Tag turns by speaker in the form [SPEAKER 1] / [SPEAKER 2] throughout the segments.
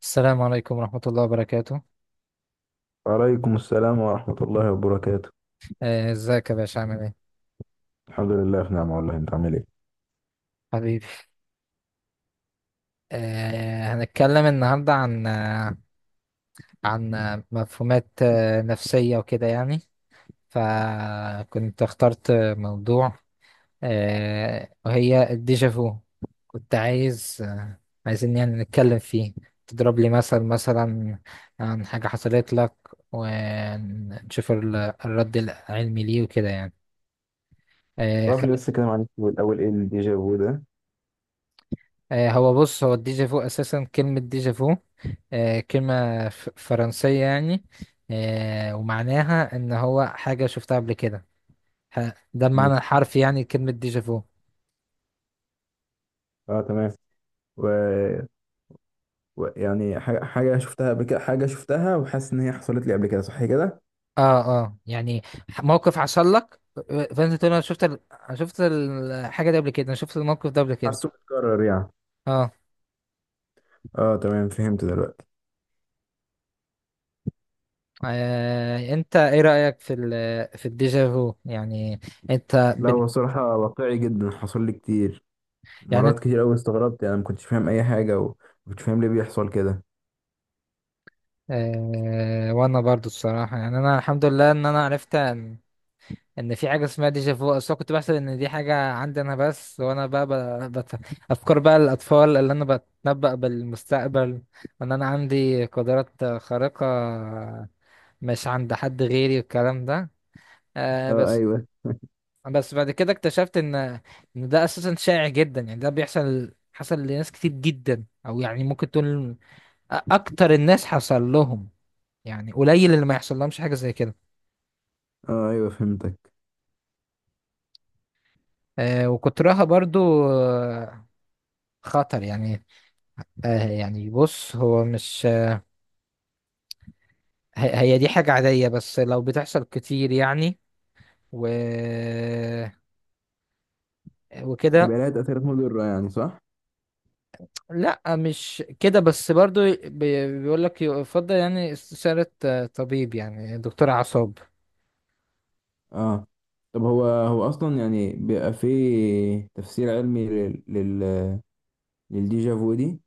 [SPEAKER 1] السلام عليكم ورحمة الله وبركاته.
[SPEAKER 2] وعليكم السلام ورحمة الله وبركاته.
[SPEAKER 1] ازيك يا باشا، عامل ايه؟
[SPEAKER 2] الحمد لله في نعمة والله، انت عامل ايه؟
[SPEAKER 1] حبيبي. هنتكلم النهاردة عن مفهومات نفسية وكده يعني. فكنت اخترت موضوع، وهي الديجافو. كنت عايز آه، عايزين يعني نتكلم فيه. تضرب لي مثل، مثلا عن حاجة حصلت لك، ونشوف الرد العلمي ليه وكده يعني.
[SPEAKER 2] تعرف لي لسه كلام عن الفيلم الأول إيه الديجا فو ده؟
[SPEAKER 1] هو بص، هو الديجا فو اساسا، كلمة ديجا فو كلمة فرنسية يعني. ومعناها ان هو حاجة شفتها قبل كده. ح- ده
[SPEAKER 2] مم.
[SPEAKER 1] المعنى الحرفي يعني كلمة ديجا فو.
[SPEAKER 2] اه تمام. و... يعني حاجة شفتها قبل كده، حاجة شفتها وحاسس ان هي حصلت لي قبل كده، صح كده؟
[SPEAKER 1] اه. اه، يعني موقف حصل لك، فانت تقول انا شفت أنا شفت الحاجة دي قبل كده، انا شفت الموقف ده قبل كده.
[SPEAKER 2] حاسه متكرر يعني.
[SPEAKER 1] اه.
[SPEAKER 2] اه تمام، فهمت دلوقتي.
[SPEAKER 1] انت ايه رأيك في في الديجا فو يعني؟ انت
[SPEAKER 2] لا
[SPEAKER 1] بن...
[SPEAKER 2] هو صراحة واقعي جدا، حصل لي كتير
[SPEAKER 1] يعني
[SPEAKER 2] مرات
[SPEAKER 1] انت.
[SPEAKER 2] كتير قوي، استغربت يعني، ما كنتش فاهم اي حاجة وما كنتش فاهم ليه بيحصل كده.
[SPEAKER 1] وانا برضو الصراحة، يعني انا الحمد لله ان انا عرفت ان في حاجه اسمها ديجا فو. اصل أنا كنت بحسب ان دي حاجه عندي انا بس، وانا بقى افكار بقى الاطفال، اللي انا بتنبأ بالمستقبل، وان انا عندي قدرات خارقه مش عند حد غيري والكلام ده. آه
[SPEAKER 2] اه
[SPEAKER 1] بس
[SPEAKER 2] ايوه.
[SPEAKER 1] بس بعد كده اكتشفت ان ده اساسا شائع جدا، يعني ده حصل لناس كتير جدا، او يعني ممكن تقول اكتر الناس حصل لهم. يعني قليل اللي ما يحصل لهمش حاجه زي كده.
[SPEAKER 2] اه ايوه فهمتك.
[SPEAKER 1] وكترها برضو آه، خطر يعني. يعني بص، هو مش هي دي حاجة عادية، بس لو بتحصل كتير يعني و... وكده.
[SPEAKER 2] يبقى لها تأثيرات مضرة يعني، صح؟
[SPEAKER 1] لا مش كده، بس برضو بيقول لك يفضل يعني استشارة طبيب، يعني دكتور أعصاب.
[SPEAKER 2] اه. طب هو اصلا يعني بيبقى فيه تفسير علمي لل لل للديجا فو دي،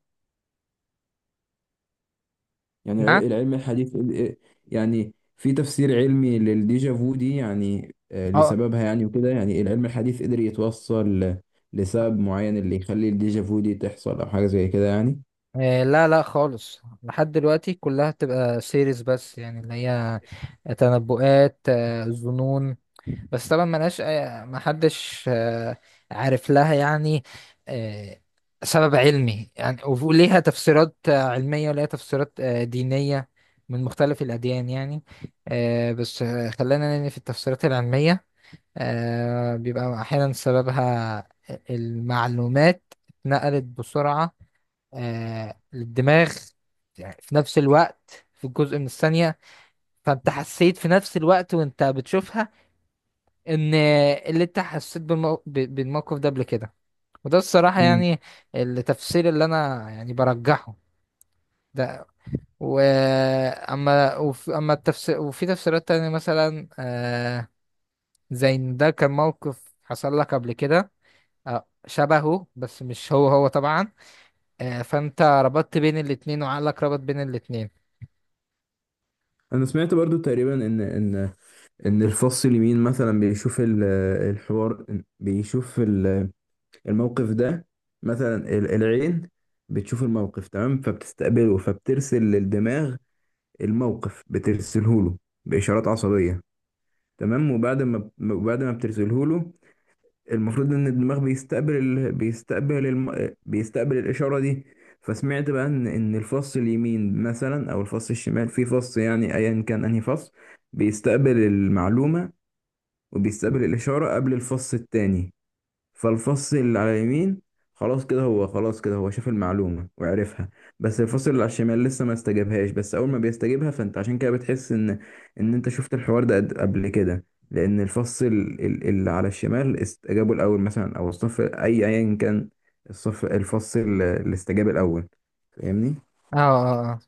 [SPEAKER 2] يعني
[SPEAKER 1] نعم.
[SPEAKER 2] العلم الحديث يعني في تفسير علمي للديجا فو دي يعني،
[SPEAKER 1] اه.
[SPEAKER 2] لسببها يعني وكده، يعني العلم الحديث قدر يتوصل لسبب معين اللي يخلي الديجا فو دي تحصل او حاجة زي كده يعني.
[SPEAKER 1] لا لا خالص، لحد دلوقتي كلها تبقى سيريز، بس يعني اللي هي تنبؤات، ظنون. بس طبعا ملهاش محدش عارف لها يعني آه، سبب علمي يعني. وليها تفسيرات علمية وليها تفسيرات دينية من مختلف الأديان يعني. بس خلينا نني في التفسيرات العلمية. بيبقى أحيانا سببها المعلومات اتنقلت بسرعة للدماغ، يعني في نفس الوقت، في جزء من الثانية. فأنت حسيت في نفس الوقت وأنت بتشوفها، ان اللي انت حسيت بالموقف ده قبل كده. وده الصراحة
[SPEAKER 2] امم.
[SPEAKER 1] يعني التفسير اللي انا يعني برجحه ده. اما التفسير، وفي تفسيرات تانية مثلا زي ان ده كان موقف حصل لك قبل كده شبهه، بس مش هو هو طبعا. فانت ربطت بين الاتنين، وعقلك ربط بين الاتنين.
[SPEAKER 2] انا سمعت برضو تقريبا ان الفص اليمين مثلا بيشوف الحوار، بيشوف الموقف ده، مثلا العين بتشوف الموقف تمام، فبتستقبله فبترسل للدماغ الموقف، بترسله له بإشارات عصبية تمام. وبعد ما بترسله له المفروض ان الدماغ بيستقبل بيستقبل الإشارة دي. فسمعت بقى ان الفص اليمين مثلا او الفص الشمال، في فص يعني ايا كان انهي فص بيستقبل المعلومة وبيستقبل الإشارة قبل الفص التاني. فالفص اللي على اليمين خلاص كده هو شاف المعلومة وعرفها، بس الفصل اللي على الشمال لسه ما استجابهاش، بس أول ما بيستجيبها فأنت عشان كده بتحس إن أنت شفت الحوار ده قبل كده، لأن الفص اللي على الشمال استجابوا الأول مثلا، أو الصف أي أيا كان الصف، الفص اللي استجاب الأول. فاهمني؟
[SPEAKER 1] اه، اه،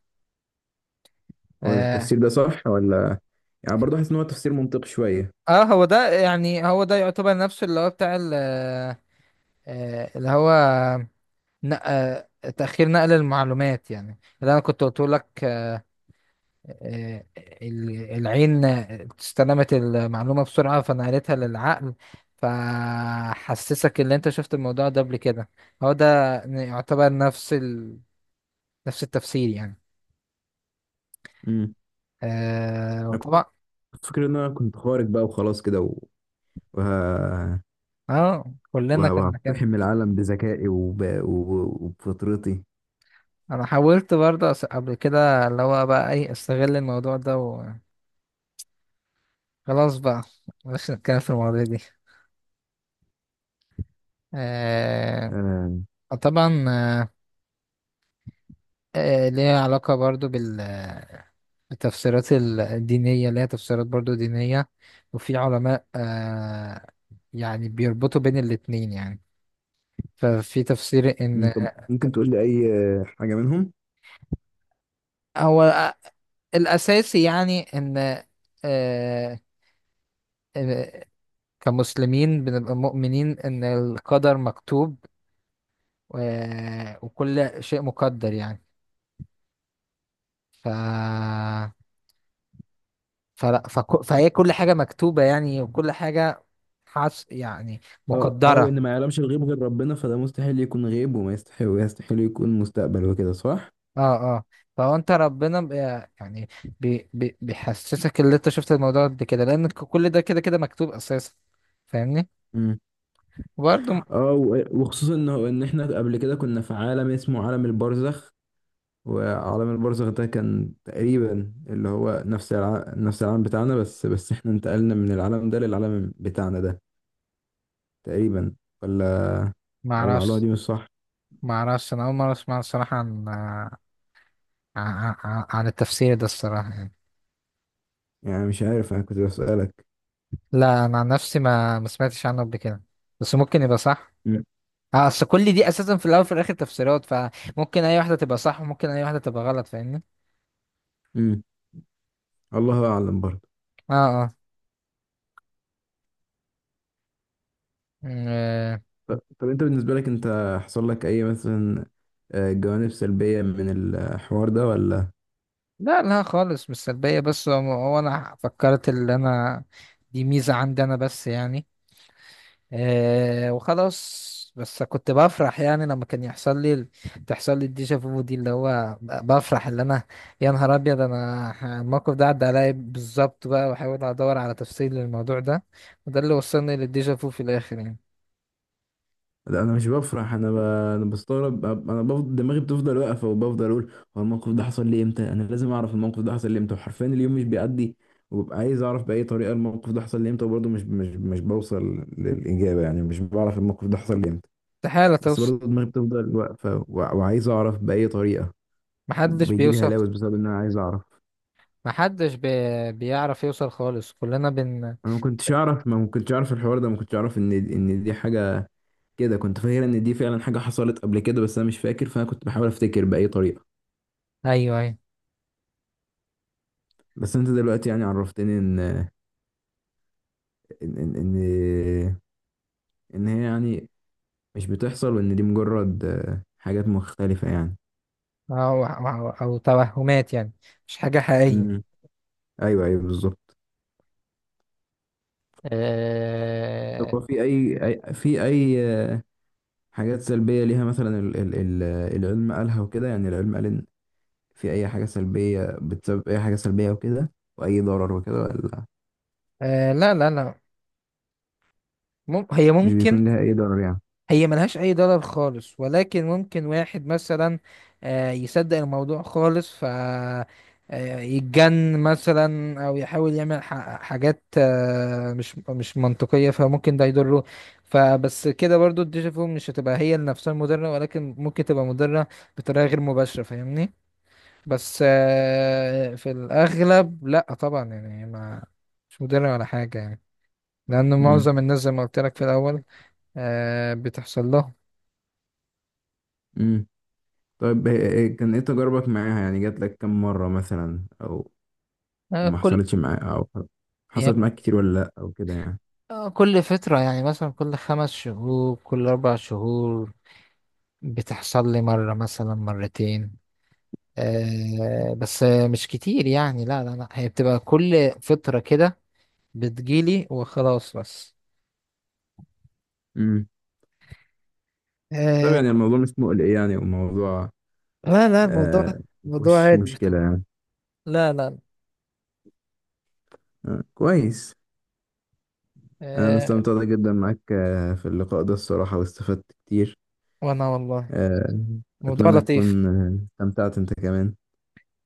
[SPEAKER 2] هو
[SPEAKER 1] اه،
[SPEAKER 2] التفسير ده صح ولا؟ يعني برضه حاسس إن هو تفسير منطقي شوية.
[SPEAKER 1] اه. هو ده يعني، هو ده يعتبر نفسه اللي هو بتاع اللي هو نق... تأخير نقل المعلومات، يعني اللي أنا كنت قلت لك آه، العين استلمت المعلومة بسرعة فنقلتها للعقل، فحسسك اللي أنت شفت الموضوع ده قبل كده. هو ده يعتبر نفس نفس التفسير يعني.
[SPEAKER 2] امم. أنا
[SPEAKER 1] وطبعا.
[SPEAKER 2] كنت فاكر إن أنا كنت خارج بقى وخلاص كده وه...
[SPEAKER 1] اه، كلنا كنا كده.
[SPEAKER 2] وهقتحم العالم بذكائي وبفطرتي.
[SPEAKER 1] أنا حاولت برضه قبل كده اللي هو بقى أي أستغل الموضوع ده، وخلاص بقى مش نتكلم في المواضيع دي. آه،
[SPEAKER 2] آه.
[SPEAKER 1] طبعا ليها علاقة برضو بال، التفسيرات الدينية ليها تفسيرات برضو دينية. وفي علماء يعني بيربطوا بين الاتنين يعني. ففي تفسير إن
[SPEAKER 2] طب ممكن تقول لي أي حاجة منهم؟
[SPEAKER 1] هو الأساسي يعني إن آه آه، كمسلمين بنبقى مؤمنين إن القدر مكتوب، وكل شيء مقدر يعني. ف فهي كل حاجة مكتوبة، يعني وكل حاجة يعني
[SPEAKER 2] اه اه.
[SPEAKER 1] مقدرة.
[SPEAKER 2] وان ما يعلمش الغيب غير ربنا، فده مستحيل يكون غيب وما يستحيل ويستحيل يكون مستقبل وكده، صح؟
[SPEAKER 1] اه، اه. فهو انت ربنا يعني بيحسسك اللي انت شفت الموضوع ده كده، لان كل ده كده مكتوب اساسا. فاهمني؟
[SPEAKER 2] مم.
[SPEAKER 1] برضه.
[SPEAKER 2] اه، وخصوصا ان ان احنا قبل كده كنا في عالم اسمه عالم البرزخ، وعالم البرزخ ده كان تقريبا اللي هو نفس نفس العالم بتاعنا، بس احنا انتقلنا من العالم ده للعالم بتاعنا ده تقريبا. ولا؟
[SPEAKER 1] ما
[SPEAKER 2] ولا المعلومة دي
[SPEAKER 1] اعرفش
[SPEAKER 2] مش صح؟
[SPEAKER 1] ما اعرفش، انا اول مرة اسمع الصراحة عن عن التفسير ده الصراحة يعني.
[SPEAKER 2] يعني مش عارف، انا كنت بسألك.
[SPEAKER 1] لا انا عن نفسي ما سمعتش عنه قبل كده، بس ممكن يبقى صح.
[SPEAKER 2] مم.
[SPEAKER 1] اه، اصل كل دي اساسا في الاول وفي الاخر تفسيرات، فممكن اي واحدة تبقى صح وممكن اي واحدة تبقى غلط. فاهمني؟
[SPEAKER 2] امم. الله اعلم برضه.
[SPEAKER 1] اه، اه. مم، آه،
[SPEAKER 2] طب انت بالنسبة لك انت حصل لك اي مثلا جوانب سلبية من الحوار ده ولا؟
[SPEAKER 1] لا لا خالص، مش سلبية، بس هو انا فكرت اللي انا دي ميزة عندي انا بس يعني. وخلاص، بس كنت بفرح يعني لما كان يحصل لي تحصل لي الديجا فو دي، اللي هو بفرح اللي انا يا نهار ابيض، انا الموقف ده عدى عليا بالظبط، بقى واحاول ادور على تفسير للموضوع ده. وده اللي وصلني للديجا فو في الاخر يعني.
[SPEAKER 2] لا انا مش بفرح، انا بستغرب، انا بفضل دماغي بتفضل واقفة وبفضل اقول هو الموقف ده حصل لي امتى، انا لازم اعرف الموقف ده حصل لي امتى، وحرفيا اليوم مش بيعدي وببقى عايز اعرف بأي طريقة الموقف ده حصل لي امتى، وبرضه مش بوصل للإجابة، يعني مش بعرف الموقف ده حصل لي امتى.
[SPEAKER 1] استحالة
[SPEAKER 2] بس
[SPEAKER 1] توصل.
[SPEAKER 2] برضه دماغي بتفضل واقفة وعايز اعرف بأي طريقة.
[SPEAKER 1] محدش
[SPEAKER 2] وبيجي لي
[SPEAKER 1] بيوصل.
[SPEAKER 2] هلاوس بسبب ان انا عايز اعرف.
[SPEAKER 1] محدش بيعرف يوصل خالص، كلنا
[SPEAKER 2] انا ما كنتش اعرف، ما كنتش اعرف الحوار ده، ما كنتش اعرف ان دي حاجه كده، كنت فاكر ان دي فعلا حاجه حصلت قبل كده بس انا مش فاكر، فانا كنت بحاول افتكر باي طريقه.
[SPEAKER 1] ايوه، ايوه.
[SPEAKER 2] بس انت دلوقتي يعني عرفتني ان ان, إن هي يعني مش بتحصل، وان دي مجرد حاجات مختلفه يعني.
[SPEAKER 1] أو توهمات يعني، مش حاجة
[SPEAKER 2] امم.
[SPEAKER 1] حقيقية.
[SPEAKER 2] ايوه ايوه بالظبط. طب
[SPEAKER 1] آه
[SPEAKER 2] هو في في اي حاجات سلبيه ليها، مثلا ال ال ال العلم قالها وكده، يعني العلم قال ان في أي حاجة سلبية بتسبب أي حاجة سلبية وكده وأي ضرر وكده ولا
[SPEAKER 1] لا لا لا. هي
[SPEAKER 2] مش
[SPEAKER 1] ممكن،
[SPEAKER 2] بيكون لها أي ضرر يعني؟
[SPEAKER 1] هي ملهاش أي ضرر خالص، ولكن ممكن واحد مثلا يصدق الموضوع خالص ف آه، يتجن مثلا، أو يحاول يعمل حاجات مش منطقية، فممكن ده يضره. فبس كده برضو الديجافو مش هتبقى هي نفسها المضرة، ولكن ممكن تبقى مضرة بطريقة غير مباشرة. فاهمني؟ بس في الأغلب لأ طبعا، يعني ما مش مدرع ولا حاجة يعني، لأن
[SPEAKER 2] امم.
[SPEAKER 1] معظم الناس زي ما قلت لك في الأول بتحصل لهم.
[SPEAKER 2] امم. طيب كان إيه تجاربك معاها، يعني جات لك كم مرة مثلا، أو أو
[SPEAKER 1] آه،
[SPEAKER 2] ما
[SPEAKER 1] كل
[SPEAKER 2] حصلتش معاك، أو
[SPEAKER 1] هي
[SPEAKER 2] حصلت
[SPEAKER 1] ك-
[SPEAKER 2] معاك كتير ولا لأ أو كده يعني؟
[SPEAKER 1] كل فترة، يعني مثلا كل 5 شهور، كل 4 شهور بتحصل لي مرة، مثلا مرتين. بس مش كتير يعني، لا لا لا، هي بتبقى كل فترة كده بتجيلي وخلاص بس.
[SPEAKER 2] امم. طب
[SPEAKER 1] آه،
[SPEAKER 2] يعني الموضوع مش مقلق يعني، وموضوع
[SPEAKER 1] لا لا، الموضوع
[SPEAKER 2] آه
[SPEAKER 1] موضوع
[SPEAKER 2] مفيهوش
[SPEAKER 1] عادي.
[SPEAKER 2] مشكلة يعني؟
[SPEAKER 1] لا.
[SPEAKER 2] آه كويس. أنا
[SPEAKER 1] لا.
[SPEAKER 2] استمتعت جدا معاك آه في اللقاء ده الصراحة، واستفدت كتير.
[SPEAKER 1] وانا والله
[SPEAKER 2] آه.
[SPEAKER 1] موضوع
[SPEAKER 2] أتمنى
[SPEAKER 1] لطيف.
[SPEAKER 2] تكون استمتعت أنت كمان.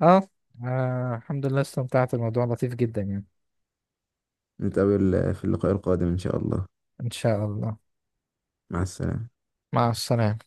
[SPEAKER 1] اه، الحمد لله، استمتعت. الموضوع لطيف جدا يعني.
[SPEAKER 2] نتقابل في اللقاء القادم إن شاء الله.
[SPEAKER 1] ان شاء الله.
[SPEAKER 2] مع السلامة.
[SPEAKER 1] مع السلامة.